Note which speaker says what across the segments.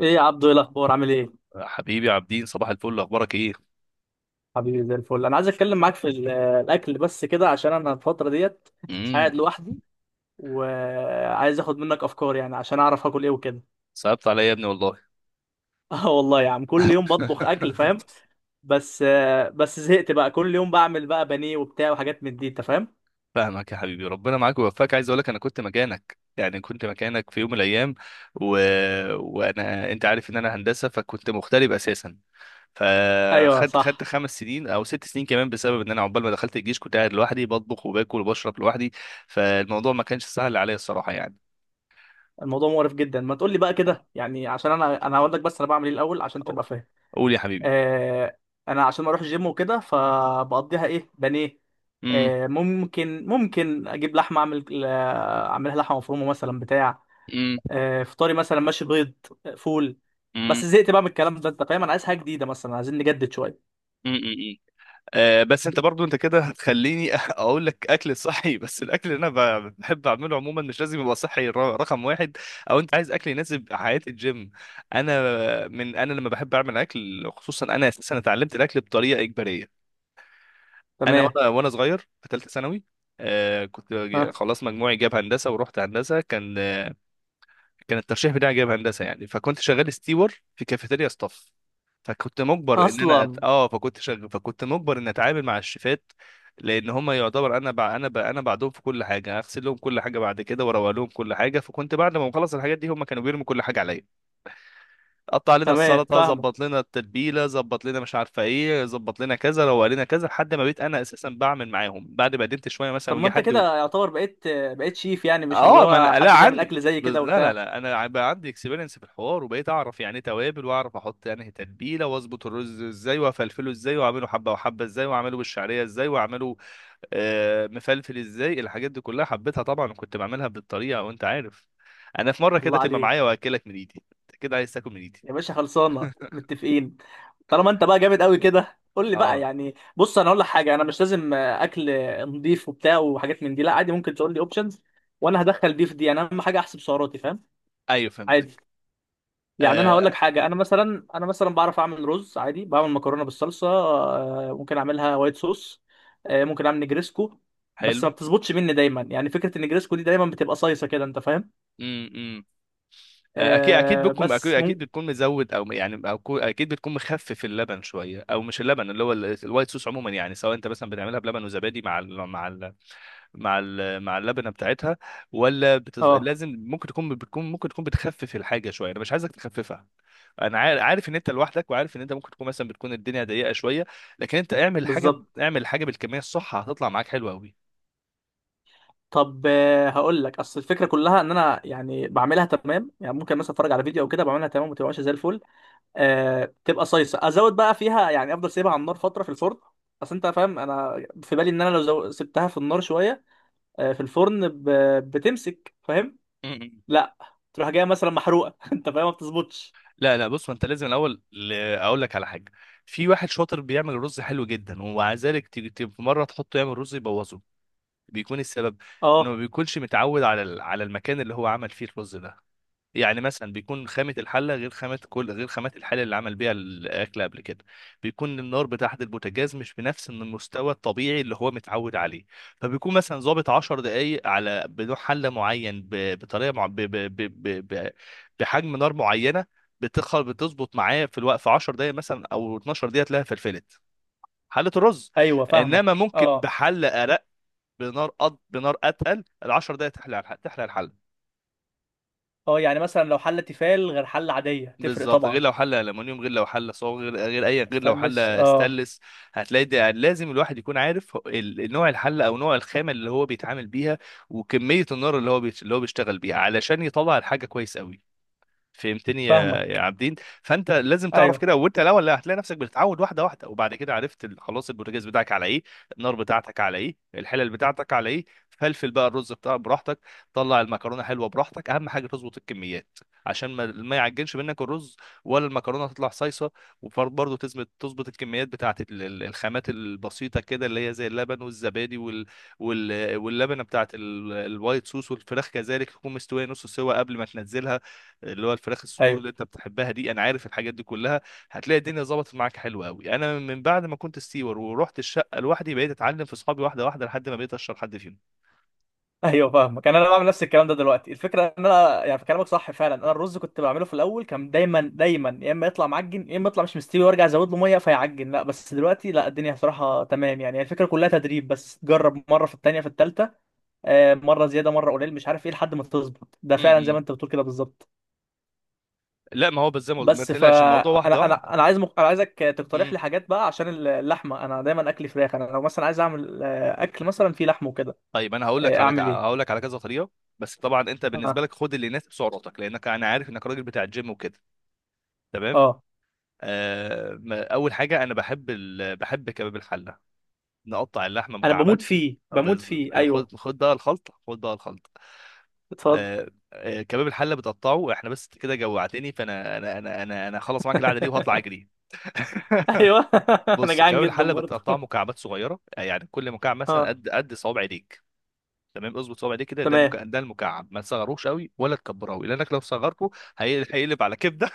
Speaker 1: ايه يا عبدو، ايه الاخبار؟ عامل ايه؟
Speaker 2: حبيبي عابدين، صباح الفل. اخبارك ايه؟
Speaker 1: حبيبي زي الفل. انا عايز اتكلم معاك في الاكل بس كده، عشان انا الفتره ديت
Speaker 2: امم.
Speaker 1: قاعد لوحدي، وعايز اخد منك افكار يعني عشان اعرف اكل ايه وكده.
Speaker 2: صعبت عليا يا ابني والله.
Speaker 1: اه والله يا عم، كل يوم بطبخ اكل، فاهم؟ بس بس زهقت بقى، كل يوم بعمل بقى بانيه وبتاع وحاجات من دي، انت فاهم.
Speaker 2: فاهمك يا حبيبي، ربنا معاك ويوفقك. عايز اقول لك، انا كنت مكانك، يعني كنت مكانك في يوم من الايام. و... وانا انت عارف ان انا هندسه، فكنت مغترب اساسا.
Speaker 1: ايوه
Speaker 2: فخدت خدت
Speaker 1: صح.
Speaker 2: خمس سنين او ست سنين كمان، بسبب ان انا عقبال ما دخلت الجيش كنت قاعد لوحدي بطبخ وباكل وبشرب لوحدي. فالموضوع ما كانش سهل عليا الصراحه يعني.
Speaker 1: الموضوع مقرف جدا، ما تقول لي بقى كده يعني، عشان انا هقول لك بس انا بعمل ايه الاول عشان
Speaker 2: أو-
Speaker 1: تبقى فاهم.
Speaker 2: قول يا حبيبي.
Speaker 1: آه، انا عشان اروح الجيم وكده، فبقضيها ايه، بانيه.
Speaker 2: امم.
Speaker 1: ممكن اجيب لحمه، اعمل اعملها لحمه مفرومه مثلا، بتاع. فطاري مثلا، ماشي، بيض. فول. بس زهقت بقى من الكلام ده، انت فاهم، انا عايز حاجه جديده مثلا، عايزين نجدد شويه.
Speaker 2: امم. بس انت برضو انت كده هتخليني اقول لك اكل صحي، بس الاكل اللي انا بحب اعمله عموما مش لازم يبقى صحي، رقم واحد. او انت عايز اكل يناسب حياه الجيم. انا من انا لما بحب اعمل اكل، خصوصا انا اساسا اتعلمت الاكل بطريقه اجباريه. انا
Speaker 1: تمام.
Speaker 2: وانا وانا صغير في ثالثه ثانوي. كنت
Speaker 1: ها.
Speaker 2: خلاص مجموعي جاب هندسه ورحت هندسه. كان الترشيح بتاعي جايب هندسه يعني، فكنت شغال ستيور في كافيتيريا ستاف. فكنت مجبر ان انا أت...
Speaker 1: اصلا.
Speaker 2: اه فكنت شغال، فكنت مجبر ان اتعامل مع الشيفات، لان هم يعتبر انا بع... انا ب... انا بعدهم في كل حاجه، اغسل لهم كل حاجه بعد كده، واروق لهم كل حاجه. فكنت بعد ما بخلص الحاجات دي هم كانوا بيرموا كل حاجه عليا. قطع لنا
Speaker 1: تمام،
Speaker 2: السلطه،
Speaker 1: فاهمه.
Speaker 2: ظبط لنا التتبيله، ظبط لنا مش عارفه ايه، ظبط لنا كذا، روق لنا كذا، لحد ما بقيت انا اساسا بعمل معاهم بعد ما قدمت شويه مثلا
Speaker 1: طب ما
Speaker 2: ويجي
Speaker 1: انت
Speaker 2: حد.
Speaker 1: كده يعتبر بقيت شيف يعني، مش اللي
Speaker 2: اه، ما
Speaker 1: هو
Speaker 2: انا لا
Speaker 1: حد بيعمل
Speaker 2: عن
Speaker 1: اكل زي كده
Speaker 2: لا لا
Speaker 1: وبتاع؟
Speaker 2: لا، بقى عندي اكسبيرينس في الحوار، وبقيت اعرف يعني ايه توابل، واعرف احط انهي تتبيله، واظبط الرز ازاي، وافلفله ازاي، واعمله حبه وحبه ازاي، واعمله بالشعريه ازاي، واعمله مفلفل ازاي. الحاجات دي كلها حبيتها طبعا، وكنت بعملها بالطريقه، وانت عارف انا في مره كده
Speaker 1: الله
Speaker 2: تبقى معايا
Speaker 1: عليك
Speaker 2: واكلك من ايدي، انت كده عايز تاكل من ايدي.
Speaker 1: يا باشا، خلصانه، متفقين. طالما انت بقى جامد قوي كده، قول لي بقى
Speaker 2: اه.
Speaker 1: يعني. بص انا اقول لك حاجه، انا مش لازم اكل نضيف وبتاع وحاجات من دي، لا عادي، ممكن تقول لي اوبشنز، وانا هدخل دي في دي، انا اهم حاجه احسب سعراتي، فاهم؟
Speaker 2: ايوه
Speaker 1: عادي.
Speaker 2: فهمتك.
Speaker 1: يعني انا هقول لك
Speaker 2: آه
Speaker 1: حاجه، انا مثلا بعرف اعمل رز عادي، بعمل مكرونه بالصلصه، ممكن اعملها وايت صوص، ممكن اعمل نجريسكو، بس
Speaker 2: حلو.
Speaker 1: ما بتظبطش مني دايما يعني، فكره النجريسكو دي دايما بتبقى صيصه كده، انت فاهم.
Speaker 2: إمم، إمم. اكيد اكيد بتكون اكيد
Speaker 1: بس
Speaker 2: اكيد
Speaker 1: ممكن.
Speaker 2: بتكون مزود، او يعني اكيد بتكون مخفف اللبن شويه، او مش اللبن، اللي هو الوايت صوص. عموما يعني، سواء انت مثلا بتعملها بلبن وزبادي مع ال مع ال مع ال مع اللبنه بتاعتها،
Speaker 1: اه
Speaker 2: لازم. ممكن تكون بتخفف الحاجه شويه، انا مش عايزك تخففها. عارف ان انت لوحدك، وعارف ان انت ممكن تكون مثلا بتكون الدنيا ضيقه شويه. لكن انت اعمل حاجه،
Speaker 1: بالظبط.
Speaker 2: اعمل حاجه بالكميه الصح، هتطلع معاك حلوه
Speaker 1: طب هقول لك، اصل الفكره كلها ان انا يعني بعملها تمام يعني، ممكن مثلا اتفرج على فيديو او كده بعملها تمام، وما تبقاش زي الفل، أه تبقى صيصه، ازود بقى فيها يعني، افضل سيبها على النار فتره في الفرن. اصل انت فاهم انا في بالي ان انا لو سبتها في النار شويه، أه في الفرن بتمسك، فاهم؟
Speaker 2: قوي.
Speaker 1: لا تروح جايه مثلا محروقه، انت فاهم، ما بتظبطش.
Speaker 2: لا لا، بص، ما انت لازم الاول اقول لك على حاجه. في واحد شاطر بيعمل رز حلو جدا، ومع ذلك تيجي في مره تحطه يعمل رز يبوظه. بيكون السبب انه
Speaker 1: اه
Speaker 2: ما بيكونش متعود على على المكان اللي هو عمل فيه الرز ده. يعني مثلا بيكون خامة الحلة غير خامة كل غير خامات الحلة اللي عمل بيها الأكل قبل كده. بيكون النار بتاعة البوتاجاز مش بنفس إن المستوى الطبيعي اللي هو متعود عليه. فبيكون مثلا ظابط 10 دقايق على بنوع حلة معين، بطريقة مع... ب... ب... ب... ب... ب- بحجم نار معينة. بتخل بتظبط معاه في الوقت في 10 دقايق مثلا أو 12 دقيقة تلاقيها فلفلت حلة الرز.
Speaker 1: ايوه،
Speaker 2: إنما
Speaker 1: فاهمك.
Speaker 2: ممكن
Speaker 1: اه.
Speaker 2: بحلة أرق، بنار بنار أتقل، ال 10 دقايق تحلى تحلى الحلة.
Speaker 1: اه يعني مثلا لو حله تيفال غير حله عاديه، تفرق
Speaker 2: بالظبط، غير
Speaker 1: طبعا.
Speaker 2: لو حله المونيوم، غير لو حله صاج، غير غير اي غير لو
Speaker 1: استنس،
Speaker 2: حله
Speaker 1: اه.
Speaker 2: ستانلس. هتلاقي ده لازم الواحد يكون عارف نوع الحله او نوع الخامه اللي هو بيتعامل بيها، وكميه النار اللي هو اللي هو بيشتغل بيها علشان يطلع الحاجه كويس قوي. فهمتني يا
Speaker 1: فاهمك.
Speaker 2: عابدين؟ فانت لازم تعرف
Speaker 1: ايوه
Speaker 2: كده، وانت الاول لا، هتلاقي نفسك بتتعود واحده واحده، وبعد كده عرفت خلاص البوتاجاز بتاعك على ايه، النار بتاعتك على ايه، الحلل بتاعتك على ايه، فلفل بقى الرز بتاعك براحتك، طلع المكرونه حلوه براحتك. اهم حاجه تظبط الكميات، عشان ما يعجنش منك الرز ولا المكرونه تطلع صيصه. وبرضه تظبط تظبط الكميات بتاعت الخامات البسيطه كده، اللي هي زي اللبن والزبادي واللبنه بتاعت الوايت صوص. والفراخ كذلك تكون مستويه نص سوا قبل ما تنزلها، اللي هو الفراخ الصدور
Speaker 1: ايوه.
Speaker 2: اللي انت بتحبها دي، انا عارف الحاجات دي كلها. هتلاقي الدنيا ظبطت معاك حلو قوي. انا من بعد ما كنت ستيور ورحت الشقه لوحدي بقيت اتعلم في اصحابي واحده واحده، لحد ما بقيت اشهر حد فيهم.
Speaker 1: ايوه فاهمك. انا بعمل نفس الكلام ده دلوقتي، الفكره ان انا يعني في كلامك صح فعلا، انا الرز كنت بعمله في الاول، كان دايما يا اما يطلع معجن، يا اما يطلع مش مستوي، وارجع ازود له ميه فيعجن، لا بس دلوقتي لا الدنيا بصراحه تمام يعني، هي الفكره كلها تدريب بس، جرب مره، في التانيه في التالته، مره زياده مره قليل مش عارف ايه، لحد ما تظبط، ده فعلا زي ما
Speaker 2: امم.
Speaker 1: انت بتقول كده بالظبط.
Speaker 2: لا، ما هو بس زي ما ما
Speaker 1: بس
Speaker 2: تقلقش،
Speaker 1: فانا
Speaker 2: الموضوع واحده
Speaker 1: انا
Speaker 2: واحده.
Speaker 1: انا أنا عايز انا عايزك تقترح
Speaker 2: امم.
Speaker 1: لي حاجات بقى، عشان اللحمه انا دايما اكل فراخ، انا لو مثلا عايز اعمل اكل مثلا فيه لحم وكده.
Speaker 2: طيب، انا هقول لك على ك-
Speaker 1: اعمل
Speaker 2: هقول
Speaker 1: ايه؟
Speaker 2: لك على كذا طريقه، بس طبعا انت بالنسبه
Speaker 1: اه.
Speaker 2: لك خد اللي يناسب سعراتك، لانك انا عارف انك راجل بتاع الجيم وكده. تمام.
Speaker 1: اه
Speaker 2: آه اول حاجه انا بحب كباب الحله. نقطع اللحمه
Speaker 1: انا
Speaker 2: مكعبات.
Speaker 1: بموت فيه، بموت
Speaker 2: بز...
Speaker 1: فيه، ايوه.
Speaker 2: خد بقى الخلطه، خد بقى الخلطه.
Speaker 1: اتفضل.
Speaker 2: كباب الحله بتقطعه احنا. بس كده جوعتني، فانا انا انا انا انا هخلص معاك القعده دي وهطلع اجري.
Speaker 1: ايوه. انا
Speaker 2: بص،
Speaker 1: جعان
Speaker 2: كباب
Speaker 1: جدا
Speaker 2: الحله
Speaker 1: برضه.
Speaker 2: بتقطعه مكعبات صغيره، يعني كل مكعب مثلا
Speaker 1: اه
Speaker 2: قد صوابع ايديك. تمام، اظبط صوابع ايديك كده، ده
Speaker 1: تمام.
Speaker 2: مكعب، ده المكعب. ما تصغروش قوي ولا تكبروه قوي، لانك لو صغرته هيقلب على كبده.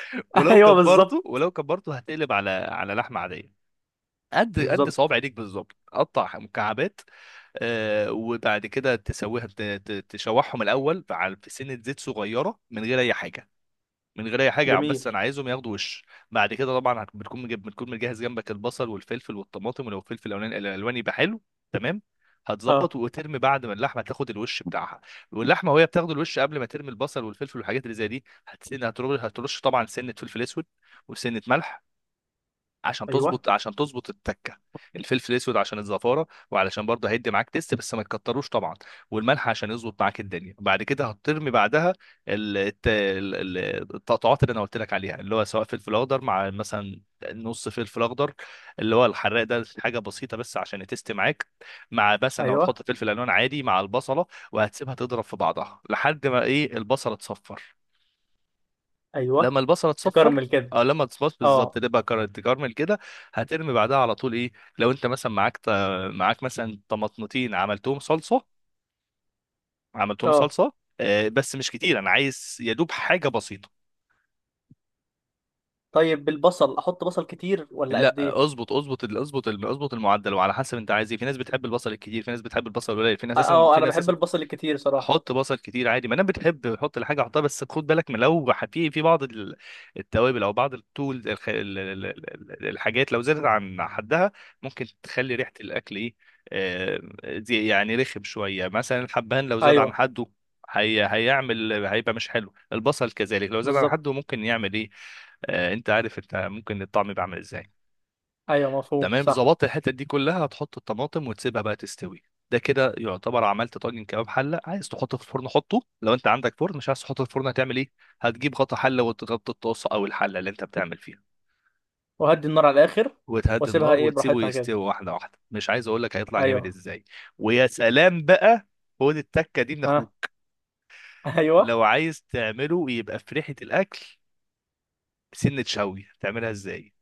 Speaker 2: ولو
Speaker 1: ايوه
Speaker 2: كبرته،
Speaker 1: بالظبط.
Speaker 2: ولو كبرته هتقلب على على لحمه عاديه. قد صوابع
Speaker 1: بالظبط.
Speaker 2: ايدك بالظبط، قطع مكعبات. وبعد كده تسويها تشوحهم الاول في سنه زيت صغيره، من غير اي حاجه، من غير اي حاجه، بس
Speaker 1: جميل.
Speaker 2: انا عايزهم ياخدوا وش. بعد كده طبعا بتكون مجيب، بتكون مجهز جنبك البصل والفلفل والطماطم، ولو الفلفل الالواني يبقى حلو. تمام، هتظبط
Speaker 1: اه.
Speaker 2: وترمي بعد ما اللحمه تاخد الوش بتاعها. واللحمه وهي بتاخد الوش، قبل ما ترمي البصل والفلفل والحاجات اللي زي دي، هتسن هترش هترش طبعا سنه فلفل اسود، وسنه ملح، عشان
Speaker 1: ايوه.
Speaker 2: تظبط عشان تظبط التكه. الفلفل الاسود عشان الزفاره، وعلشان برضه هيدي معاك تيست، بس ما تكتروش طبعا. والملح عشان يظبط معاك الدنيا. بعد كده هترمي بعدها ال- الت- ال- ال- التقطعات اللي انا قلت لك عليها، اللي هو سواء فلفل اخضر، مع مثلا نص فلفل اخضر اللي هو الحراق ده، حاجه بسيطه بس عشان يتست معاك، مع مثلا لو
Speaker 1: ايوه.
Speaker 2: هتحط فلفل الوان عادي مع البصله. وهتسيبها تضرب في بعضها لحد ما ايه البصله تصفر. لما
Speaker 1: ايوه.
Speaker 2: البصله تصفر،
Speaker 1: تكرمل كده.
Speaker 2: او لما تصبص بالظبط،
Speaker 1: اه.
Speaker 2: تبقى تكرمل كده. هترمي بعدها على طول ايه، لو انت مثلا معاك معاك مثلا طماطمتين عملتهم صلصه، عملتهم
Speaker 1: اه.
Speaker 2: صلصه بس مش كتير، انا عايز يا دوب حاجه بسيطه.
Speaker 1: طيب بالبصل، احط بصل كتير ولا قد ايه؟
Speaker 2: لا، اظبط المعدل، وعلى حسب انت عايز ايه. في ناس بتحب البصل الكتير، في ناس بتحب البصل القليل، في ناس
Speaker 1: اه
Speaker 2: اساسا، في
Speaker 1: انا
Speaker 2: ناس
Speaker 1: بحب
Speaker 2: اساسا
Speaker 1: البصل الكتير صراحه.
Speaker 2: حط بصل كتير عادي. ما انا بتحب حط الحاجه، حطها. بس خد بالك من لو في بعض التوابل، او بعض التول الحاجات، لو زادت عن حدها ممكن تخلي ريحه الاكل ايه، آه، دي يعني رخم شويه. مثلا الحبهان لو زاد عن
Speaker 1: ايوه
Speaker 2: حده، هي هيعمل هيبقى مش حلو. البصل كذلك لو زاد عن
Speaker 1: بالظبط.
Speaker 2: حده ممكن يعمل ايه، انت عارف، انت ممكن الطعم يبقى عامل ازاي.
Speaker 1: ايوه مفهوم،
Speaker 2: تمام،
Speaker 1: صح.
Speaker 2: ظبطت الحته دي كلها، هتحط الطماطم وتسيبها بقى تستوي. ده كده يعتبر عملت طاجن كباب حله. عايز تحطه في الفرن حطه لو انت عندك فرن، مش عايز تحطه في الفرن هتعمل ايه؟ هتجيب غطا حله وتغطي الطاسه او الحله اللي انت بتعمل فيها،
Speaker 1: وهدي النار على الاخر.
Speaker 2: وتهدي
Speaker 1: واسيبها
Speaker 2: النار،
Speaker 1: ايه،
Speaker 2: وتسيبه
Speaker 1: براحتها كده.
Speaker 2: يستوي واحده واحده، مش عايز اقول لك هيطلع جامد
Speaker 1: ايوه.
Speaker 2: ازاي. ويا سلام بقى، خد التكه دي من
Speaker 1: ها.
Speaker 2: اخوك.
Speaker 1: ايوه.
Speaker 2: لو عايز تعمله يبقى في ريحه الاكل، سنه شوي تعملها ازاي؟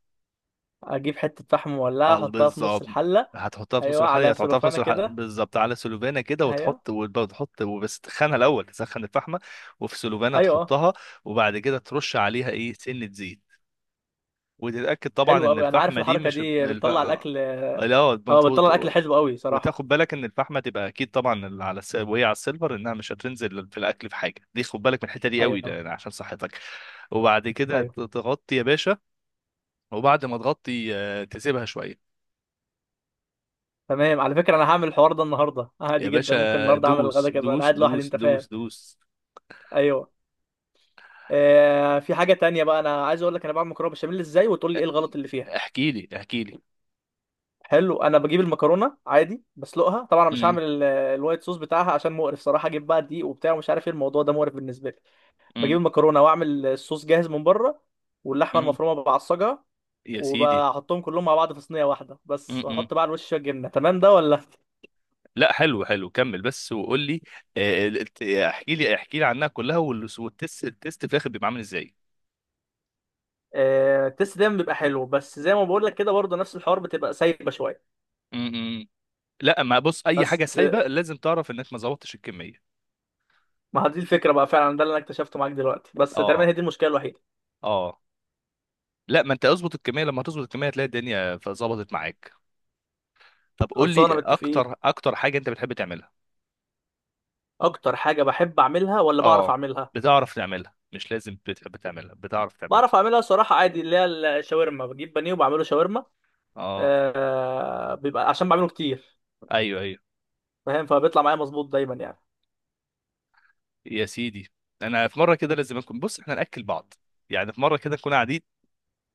Speaker 1: اجيب حته فحم مولعه،
Speaker 2: اه
Speaker 1: احطها في نص
Speaker 2: بالظبط.
Speaker 1: الحله.
Speaker 2: هتحطها في نص
Speaker 1: ايوه
Speaker 2: الحلقة،
Speaker 1: على
Speaker 2: هتحطها في
Speaker 1: سلوفانه
Speaker 2: نص الحلقة
Speaker 1: كده.
Speaker 2: بالظبط، على سلوفانة كده،
Speaker 1: ايوه.
Speaker 2: وتحط وتحط وبس، تخنها الأول، تسخن الفحمة. وفي سلوفانة
Speaker 1: ايوه اه.
Speaker 2: تحطها، وبعد كده ترش عليها إيه سنة زيت. وتتأكد طبعا
Speaker 1: حلو
Speaker 2: إن
Speaker 1: قوي، انا عارف
Speaker 2: الفحمة دي
Speaker 1: الحركه
Speaker 2: مش
Speaker 1: دي
Speaker 2: الف...
Speaker 1: بتطلع
Speaker 2: آه،
Speaker 1: الاكل.
Speaker 2: لا، ما
Speaker 1: اه بتطلع الاكل
Speaker 2: تحط-
Speaker 1: حلو قوي صراحه.
Speaker 2: وتاخد بالك إن الفحمة تبقى أكيد طبعا وهي على السيلفر، إنها مش هتنزل في الأكل في حاجة. دي خد بالك من الحتة دي قوي،
Speaker 1: ايوه.
Speaker 2: عشان صحتك. وبعد كده
Speaker 1: ايوه.
Speaker 2: تغطي يا باشا، وبعد ما تغطي تسيبها شوية.
Speaker 1: تمام، على فكره انا هعمل الحوار ده النهارده
Speaker 2: يا
Speaker 1: عادي جدا،
Speaker 2: باشا
Speaker 1: ممكن النهارده اعمل
Speaker 2: دوس
Speaker 1: الغدا كده، انا
Speaker 2: دوس
Speaker 1: قاعد لوحدي
Speaker 2: دوس
Speaker 1: انت
Speaker 2: دوس
Speaker 1: فاهم.
Speaker 2: دوس.
Speaker 1: ايوه. آه في حاجه تانية بقى انا عايز اقول لك، انا بعمل مكرونه بشاميل ازاي، وتقول لي ايه الغلط اللي فيها.
Speaker 2: احكي لي احكي لي.
Speaker 1: حلو، انا بجيب المكرونه عادي، بسلقها طبعا، انا مش
Speaker 2: امم.
Speaker 1: هعمل الوايت صوص بتاعها، عشان مقرف صراحه، اجيب بقى دقيق وبتاع ومش عارف ايه، الموضوع ده مقرف بالنسبه لي.
Speaker 2: امم.
Speaker 1: بجيب المكرونه واعمل الصوص جاهز من بره، واللحمه
Speaker 2: امم.
Speaker 1: المفرومه بعصجها،
Speaker 2: يا سيدي.
Speaker 1: وبحطهم كلهم مع بعض في صينيه واحده بس،
Speaker 2: امم.
Speaker 1: واحط بقى على الوش شويه جبنه، تمام ده ولا؟
Speaker 2: لا، حلو حلو، كمل بس وقول لي، احكي لي احكي لي عنها كلها، والتست في الاخر بيبقى عامل ازاي.
Speaker 1: التست دايما بيبقى حلو، بس زي ما بقول لك كده برضه نفس الحوار، بتبقى سايبه شويه.
Speaker 2: امم. لا، ما بص، اي حاجه
Speaker 1: بس
Speaker 2: سايبه لازم تعرف انك ما ظبطتش الكميه.
Speaker 1: ما هي دي الفكره بقى فعلا، ده اللي انا اكتشفته معاك دلوقتي، بس تقريبا
Speaker 2: اه.
Speaker 1: هي دي المشكله الوحيده.
Speaker 2: اه. لا، ما انت اظبط الكميه، لما تظبط الكميه هتلاقي الدنيا فظبطت معاك. طب قول لي
Speaker 1: خلصانه، متفقين.
Speaker 2: اكتر اكتر حاجه انت بتحب تعملها.
Speaker 1: اكتر حاجه بحب اعملها، ولا بعرف
Speaker 2: اه،
Speaker 1: اعملها؟
Speaker 2: بتعرف تعملها، مش لازم بتحب تعملها، بتعرف تعملها.
Speaker 1: بعرف اعملها صراحه، عادي، اللي هي الشاورما، بجيب بانيه وبعمله شاورما،
Speaker 2: اه.
Speaker 1: بيبقى عشان بعمله كتير،
Speaker 2: ايوه ايوه.
Speaker 1: فاهم، فبيطلع معايا مظبوط دايما يعني.
Speaker 2: يا سيدي. انا في مره كده لازم اكون، بص احنا ناكل بعض، يعني في مره كده نكون قاعدين،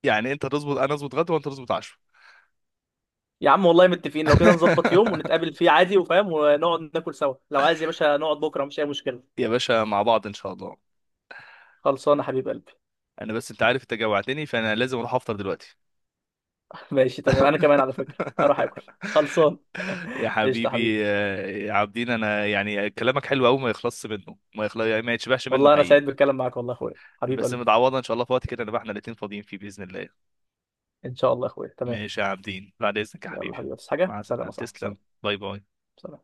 Speaker 2: يعني انت تظبط انا اظبط غدا وانت تظبط عشاء.
Speaker 1: يا عم والله متفقين، لو كده نظبط يوم ونتقابل فيه عادي، وفاهم، ونقعد ناكل سوا، لو عايز يا باشا نقعد بكره مش اي مشكله.
Speaker 2: يا باشا مع بعض ان شاء الله.
Speaker 1: خلصان يا حبيب قلبي.
Speaker 2: انا بس انت عارف انت جوعتني، فانا لازم اروح افطر دلوقتي.
Speaker 1: ماشي تمام، انا كمان على فكره اروح اكل، خلصان.
Speaker 2: يا
Speaker 1: قشطه يا
Speaker 2: حبيبي،
Speaker 1: حبيبي.
Speaker 2: يا عابدين، انا يعني كلامك حلو قوي، ما يخلصش منه، ما يخلص يعني، ما يتشبعش منه
Speaker 1: والله انا سعيد
Speaker 2: حقيقي.
Speaker 1: بالكلام معاك والله يا اخويا. حبيب
Speaker 2: بس
Speaker 1: قلبي.
Speaker 2: متعوضه ان شاء الله في وقت كده نبقى احنا الاتنين فاضيين فيه باذن الله.
Speaker 1: ان شاء الله يا اخويا، تمام.
Speaker 2: ماشي يا عابدين، بعد إذنك يا
Speaker 1: يلا
Speaker 2: حبيبي.
Speaker 1: حبيبي، بس حاجه،
Speaker 2: مع
Speaker 1: سلام يا
Speaker 2: السلامة،
Speaker 1: صاحبي، سلام.
Speaker 2: تسلم. باي باي.
Speaker 1: سلام.